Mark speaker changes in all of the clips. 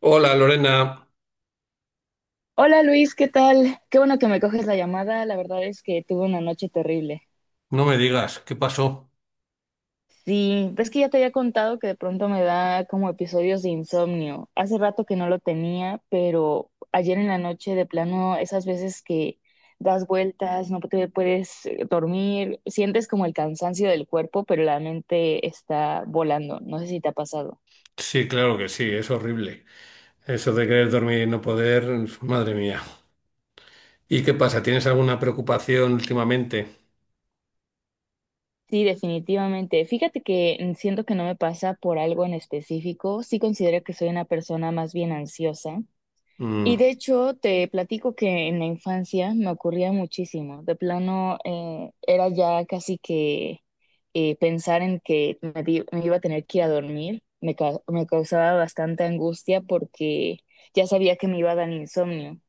Speaker 1: Hola Lorena,
Speaker 2: Hola Luis, ¿qué tal? Qué bueno que me coges la llamada. La verdad es que tuve una noche terrible.
Speaker 1: no me digas, ¿qué pasó?
Speaker 2: Sí, ves que ya te había contado que de pronto me da como episodios de insomnio. Hace rato que no lo tenía, pero ayer en la noche de plano, esas veces que das vueltas, no te puedes dormir, sientes como el cansancio del cuerpo, pero la mente está volando. No sé si te ha pasado.
Speaker 1: Sí, claro que sí, es horrible. Eso de querer dormir y no poder, madre mía. ¿Y qué pasa? ¿Tienes alguna preocupación últimamente?
Speaker 2: Sí, definitivamente. Fíjate que siento que no me pasa por algo en específico. Sí considero que soy una persona más bien ansiosa.
Speaker 1: Mm,
Speaker 2: Y de hecho, te platico que en la infancia me ocurría muchísimo. De plano, era ya casi que pensar en que me iba a tener que ir a dormir. Me causaba bastante angustia porque ya sabía que me iba a dar insomnio.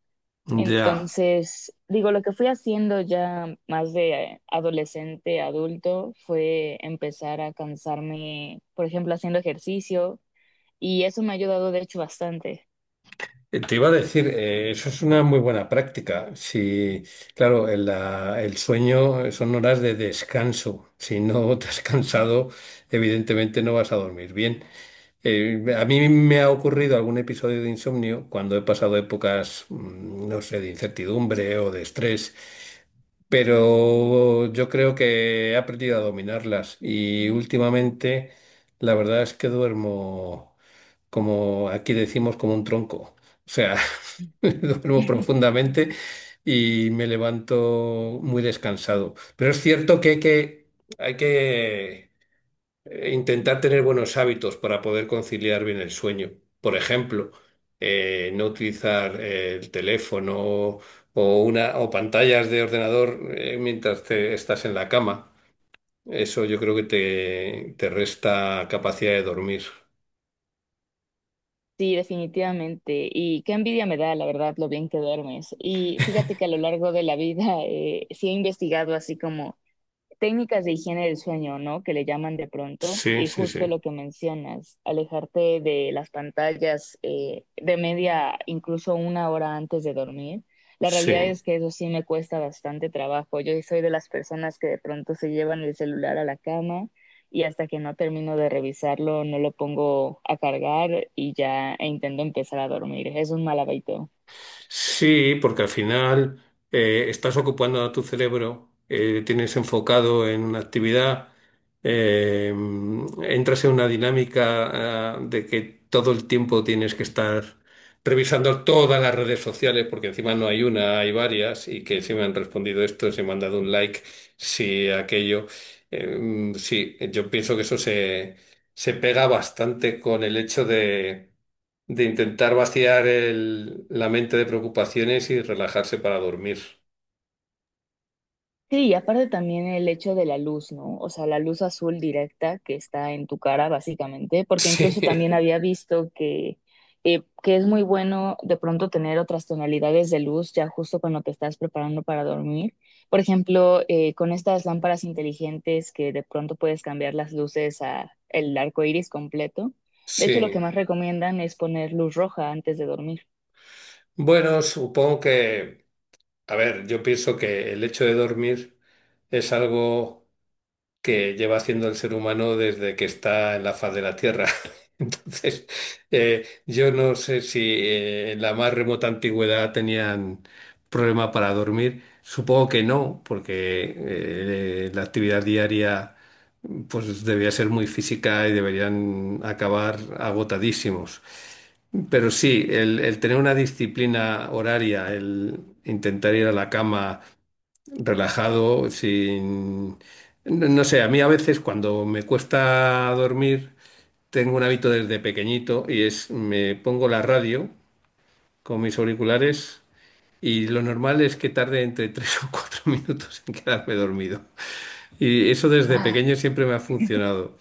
Speaker 1: ya.
Speaker 2: Entonces, digo, lo que fui haciendo ya más de adolescente, adulto, fue empezar a cansarme, por ejemplo, haciendo ejercicio. Y eso me ha ayudado, de hecho, bastante.
Speaker 1: Te iba a decir, eso es una muy buena práctica. Si, claro, el sueño son horas de descanso. Si no te has cansado, evidentemente no vas a dormir bien. A mí me ha ocurrido algún episodio de insomnio cuando he pasado épocas, no sé, de incertidumbre o de estrés, pero yo creo que he aprendido a dominarlas y últimamente la verdad es que duermo, como aquí decimos, como un tronco. O sea, duermo profundamente y me levanto muy descansado. Pero es cierto que hay que intentar tener buenos hábitos para poder conciliar bien el sueño. Por ejemplo, no utilizar el teléfono o pantallas de ordenador mientras te estás en la cama. Eso yo creo que te resta capacidad de dormir.
Speaker 2: Sí, definitivamente. Y qué envidia me da, la verdad, lo bien que duermes. Y fíjate que a lo largo de la vida sí he investigado así como técnicas de higiene del sueño, ¿no? Que le llaman de pronto,
Speaker 1: Sí,
Speaker 2: y
Speaker 1: sí,
Speaker 2: justo
Speaker 1: sí.
Speaker 2: lo que mencionas, alejarte de las pantallas de media, incluso una hora antes de dormir. La realidad
Speaker 1: Sí.
Speaker 2: es que eso sí me cuesta bastante trabajo. Yo soy de las personas que de pronto se llevan el celular a la cama y hasta que no termino de revisarlo no lo pongo a cargar y ya e intento empezar a dormir. Es un mal hábito.
Speaker 1: Sí, porque al final estás ocupando a tu cerebro, tienes enfocado en una actividad, eh, entras en una dinámica, de que todo el tiempo tienes que estar revisando todas las redes sociales, porque encima no hay una, hay varias, y que si me han respondido esto, si me han dado un like, si aquello. Sí, yo pienso que se pega bastante con el hecho de intentar vaciar la mente de preocupaciones y relajarse para dormir.
Speaker 2: Sí, y aparte también el hecho de la luz, ¿no? O sea, la luz azul directa que está en tu cara, básicamente, porque incluso también
Speaker 1: Sí,
Speaker 2: había visto que es muy bueno de pronto tener otras tonalidades de luz ya justo cuando te estás preparando para dormir. Por ejemplo, con estas lámparas inteligentes que de pronto puedes cambiar las luces a el arco iris completo. De hecho, lo que
Speaker 1: sí.
Speaker 2: más recomiendan es poner luz roja antes de dormir.
Speaker 1: Bueno, supongo que, a ver, yo pienso que el hecho de dormir es algo que lleva haciendo el ser humano desde que está en la faz de la Tierra. Entonces, yo no sé si en la más remota antigüedad tenían problema para dormir. Supongo que no, porque la actividad diaria pues debía ser muy física y deberían acabar agotadísimos. Pero sí, el tener una disciplina horaria, el intentar ir a la cama relajado, sin... No sé, a mí a veces cuando me cuesta dormir, tengo un hábito desde pequeñito y es me pongo la radio con mis auriculares y lo normal es que tarde entre tres o cuatro minutos en quedarme dormido. Y eso desde pequeño siempre me ha funcionado.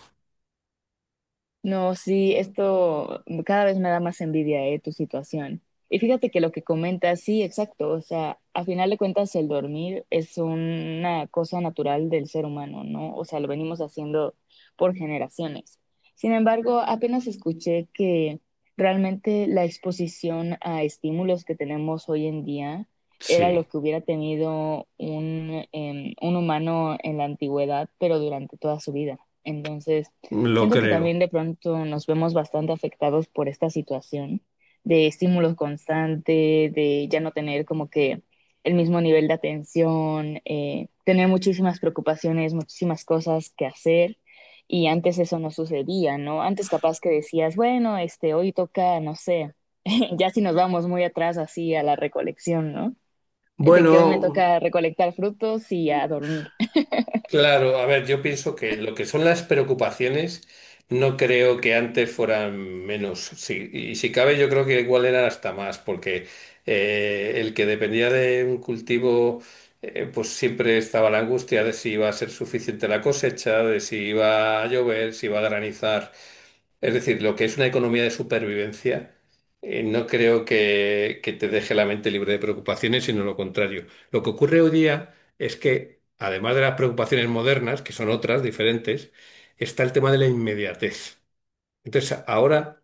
Speaker 2: No, sí, esto cada vez me da más envidia, tu situación. Y fíjate que lo que comentas, sí, exacto. O sea, a final de cuentas, el dormir es una cosa natural del ser humano, ¿no? O sea, lo venimos haciendo por generaciones. Sin embargo, apenas escuché que realmente la exposición a estímulos que tenemos hoy en día era lo
Speaker 1: Sí.
Speaker 2: que hubiera tenido un, un humano en la antigüedad, pero durante toda su vida. Entonces,
Speaker 1: Lo
Speaker 2: siento que también
Speaker 1: creo.
Speaker 2: de pronto nos vemos bastante afectados por esta situación de estímulos constante, de ya no tener como que el mismo nivel de atención, tener muchísimas preocupaciones, muchísimas cosas que hacer. Y antes eso no sucedía, ¿no? Antes capaz que decías, bueno, este, hoy toca, no sé, ya si nos vamos muy atrás así a la recolección, ¿no? De que hoy me
Speaker 1: Bueno,
Speaker 2: toca recolectar frutos y a dormir.
Speaker 1: claro, a ver, yo pienso que lo que son las preocupaciones no creo que antes fueran menos. Sí, y si cabe, yo creo que igual eran hasta más, porque el que dependía de un cultivo, pues siempre estaba la angustia de si iba a ser suficiente la cosecha, de si iba a llover, si iba a granizar. Es decir, lo que es una economía de supervivencia, no creo que te deje la mente libre de preocupaciones, sino lo contrario. Lo que ocurre hoy día es que, además de las preocupaciones modernas, que son otras, diferentes, está el tema de la inmediatez. Entonces, ahora...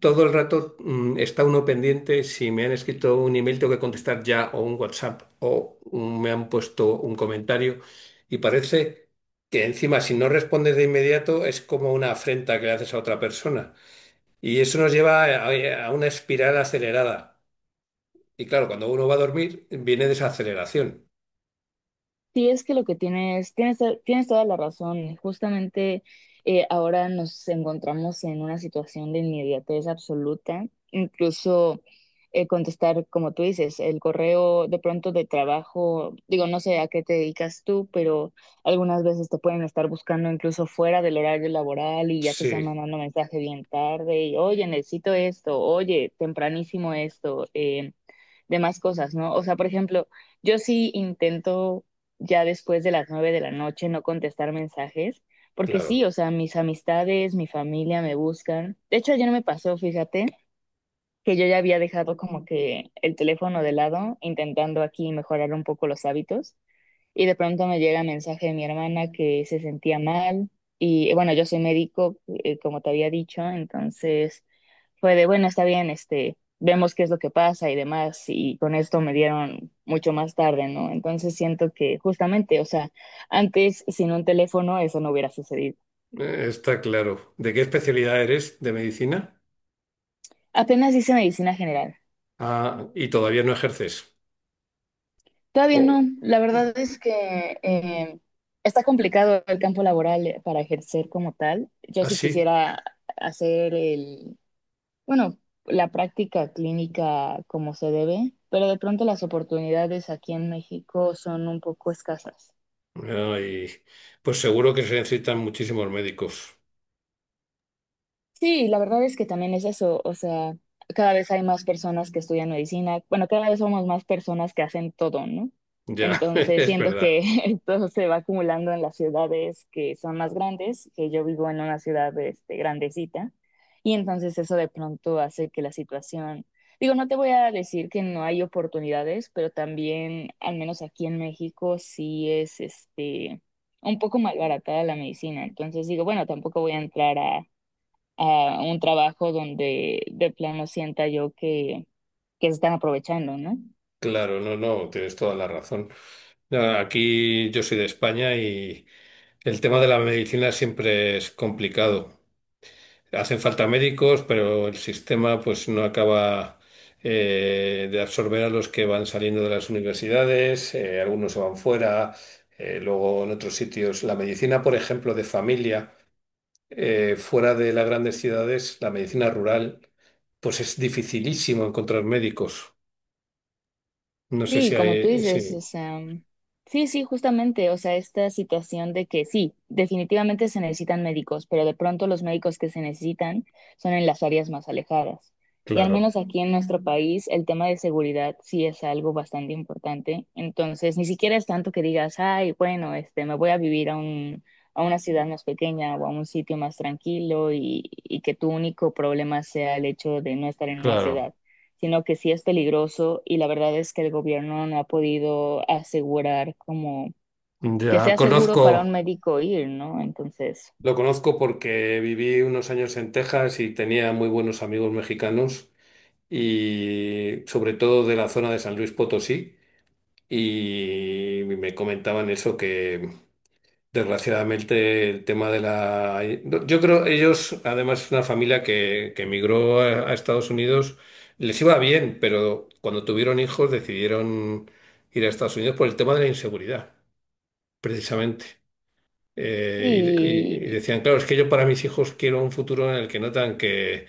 Speaker 1: Todo el rato está uno pendiente si me han escrito un email, tengo que contestar ya, o un WhatsApp, o me han puesto un comentario y parece que encima si no respondes de inmediato es como una afrenta que le haces a otra persona y eso nos lleva a una espiral acelerada y claro, cuando uno va a dormir viene desaceleración.
Speaker 2: Sí, es que lo que tienes toda la razón. Justamente ahora nos encontramos en una situación de inmediatez absoluta. Incluso contestar, como tú dices, el correo de pronto de trabajo, digo, no sé a qué te dedicas tú, pero algunas veces te pueden estar buscando incluso fuera del horario laboral y ya te están
Speaker 1: Sí,
Speaker 2: mandando mensaje bien tarde y, oye, necesito esto, oye, tempranísimo esto. De más cosas, ¿no? O sea, por ejemplo, yo sí intento ya después de las nueve de la noche no contestar mensajes, porque sí,
Speaker 1: claro.
Speaker 2: o sea, mis amistades, mi familia me buscan. De hecho, ayer me pasó, fíjate, que yo ya había dejado como que el teléfono de lado, intentando aquí mejorar un poco los hábitos, y de pronto me llega mensaje de mi hermana que se sentía mal, y bueno, yo soy médico, como te había dicho, entonces fue de, bueno, está bien, este, vemos qué es lo que pasa y demás, y con esto me dieron mucho más tarde, ¿no? Entonces siento que justamente, o sea, antes sin un teléfono eso no hubiera sucedido.
Speaker 1: Está claro. ¿De qué especialidad eres de medicina?
Speaker 2: Apenas hice medicina general.
Speaker 1: Ah, y todavía no ejerces.
Speaker 2: Todavía
Speaker 1: ¿O
Speaker 2: no, la verdad es que está complicado el campo laboral para ejercer como tal. Yo sí
Speaker 1: así?
Speaker 2: quisiera hacer bueno, la práctica clínica como se debe, pero de pronto las oportunidades aquí en México son un poco escasas.
Speaker 1: Ay, pues seguro que se necesitan muchísimos médicos.
Speaker 2: Sí, la verdad es que también es eso, o sea, cada vez hay más personas que estudian medicina, bueno, cada vez somos más personas que hacen todo, ¿no?
Speaker 1: Ya,
Speaker 2: Entonces,
Speaker 1: es
Speaker 2: siento
Speaker 1: verdad.
Speaker 2: que todo se va acumulando en las ciudades que son más grandes, que yo vivo en una ciudad, este, grandecita, y entonces eso de pronto hace que la situación, digo, no te voy a decir que no hay oportunidades, pero también, al menos aquí en México, sí es, este, un poco malbaratada la medicina, entonces digo, bueno, tampoco voy a entrar a un trabajo donde de plano sienta yo que se están aprovechando, ¿no?
Speaker 1: Claro, no, no, tienes toda la razón. Ya, aquí yo soy de España y el tema de la medicina siempre es complicado. Hacen falta médicos, pero el sistema pues no acaba de absorber a los que van saliendo de las universidades, algunos se van fuera, luego en otros sitios. La medicina, por ejemplo, de familia, fuera de las grandes ciudades, la medicina rural, pues es dificilísimo encontrar médicos. No sé si
Speaker 2: Sí,
Speaker 1: hay,
Speaker 2: como tú dices, o
Speaker 1: sí,
Speaker 2: sea, sí, sí, justamente, o sea, esta situación de que sí, definitivamente se necesitan médicos, pero de pronto los médicos que se necesitan son en las áreas más alejadas. Y al
Speaker 1: claro,
Speaker 2: menos aquí en nuestro país, el tema de seguridad sí es algo bastante importante. Entonces, ni siquiera es tanto que digas, ay, bueno, este, me voy a vivir a un, a una ciudad más pequeña o a un sitio más tranquilo y que tu único problema sea el hecho de no estar en una
Speaker 1: claro.
Speaker 2: ciudad, sino que sí es peligroso y la verdad es que el gobierno no ha podido asegurar como que
Speaker 1: Ya
Speaker 2: sea seguro para un
Speaker 1: conozco.
Speaker 2: médico ir, ¿no? Entonces,
Speaker 1: Lo conozco porque viví unos años en Texas y tenía muy buenos amigos mexicanos y sobre todo de la zona de San Luis Potosí y me comentaban eso que, desgraciadamente, el tema de la... Yo creo ellos, además, es una familia que emigró a Estados Unidos. Les iba bien, pero cuando tuvieron hijos decidieron ir a Estados Unidos por el tema de la inseguridad, precisamente. Y
Speaker 2: sí,
Speaker 1: decían, claro, es que yo para mis hijos quiero un futuro en el que notan que,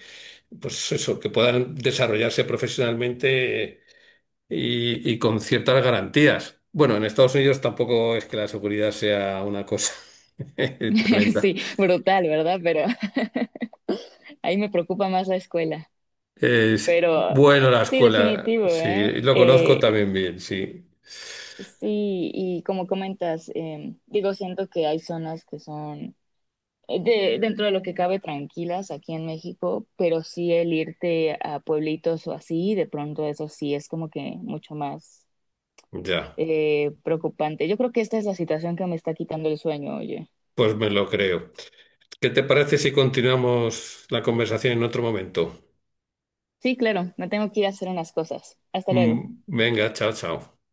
Speaker 1: pues eso, que puedan desarrollarse profesionalmente y con ciertas garantías. Bueno, en Estados Unidos tampoco es que la seguridad sea una cosa tremenda.
Speaker 2: sí, brutal, ¿verdad? Pero ahí me preocupa más la escuela,
Speaker 1: Es
Speaker 2: pero
Speaker 1: bueno la
Speaker 2: sí,
Speaker 1: escuela,
Speaker 2: definitivo,
Speaker 1: sí,
Speaker 2: ¿eh?
Speaker 1: lo conozco también bien, sí.
Speaker 2: Sí, y como comentas, digo, siento que hay zonas que son dentro de lo que cabe tranquilas aquí en México, pero sí el irte a pueblitos o así, de pronto eso sí es como que mucho más
Speaker 1: Ya,
Speaker 2: preocupante. Yo creo que esta es la situación que me está quitando el sueño, oye.
Speaker 1: pues me lo creo. ¿Qué te parece si continuamos la conversación en otro momento?
Speaker 2: Sí, claro, me tengo que ir a hacer unas cosas. Hasta luego.
Speaker 1: Mm, venga, chao, chao.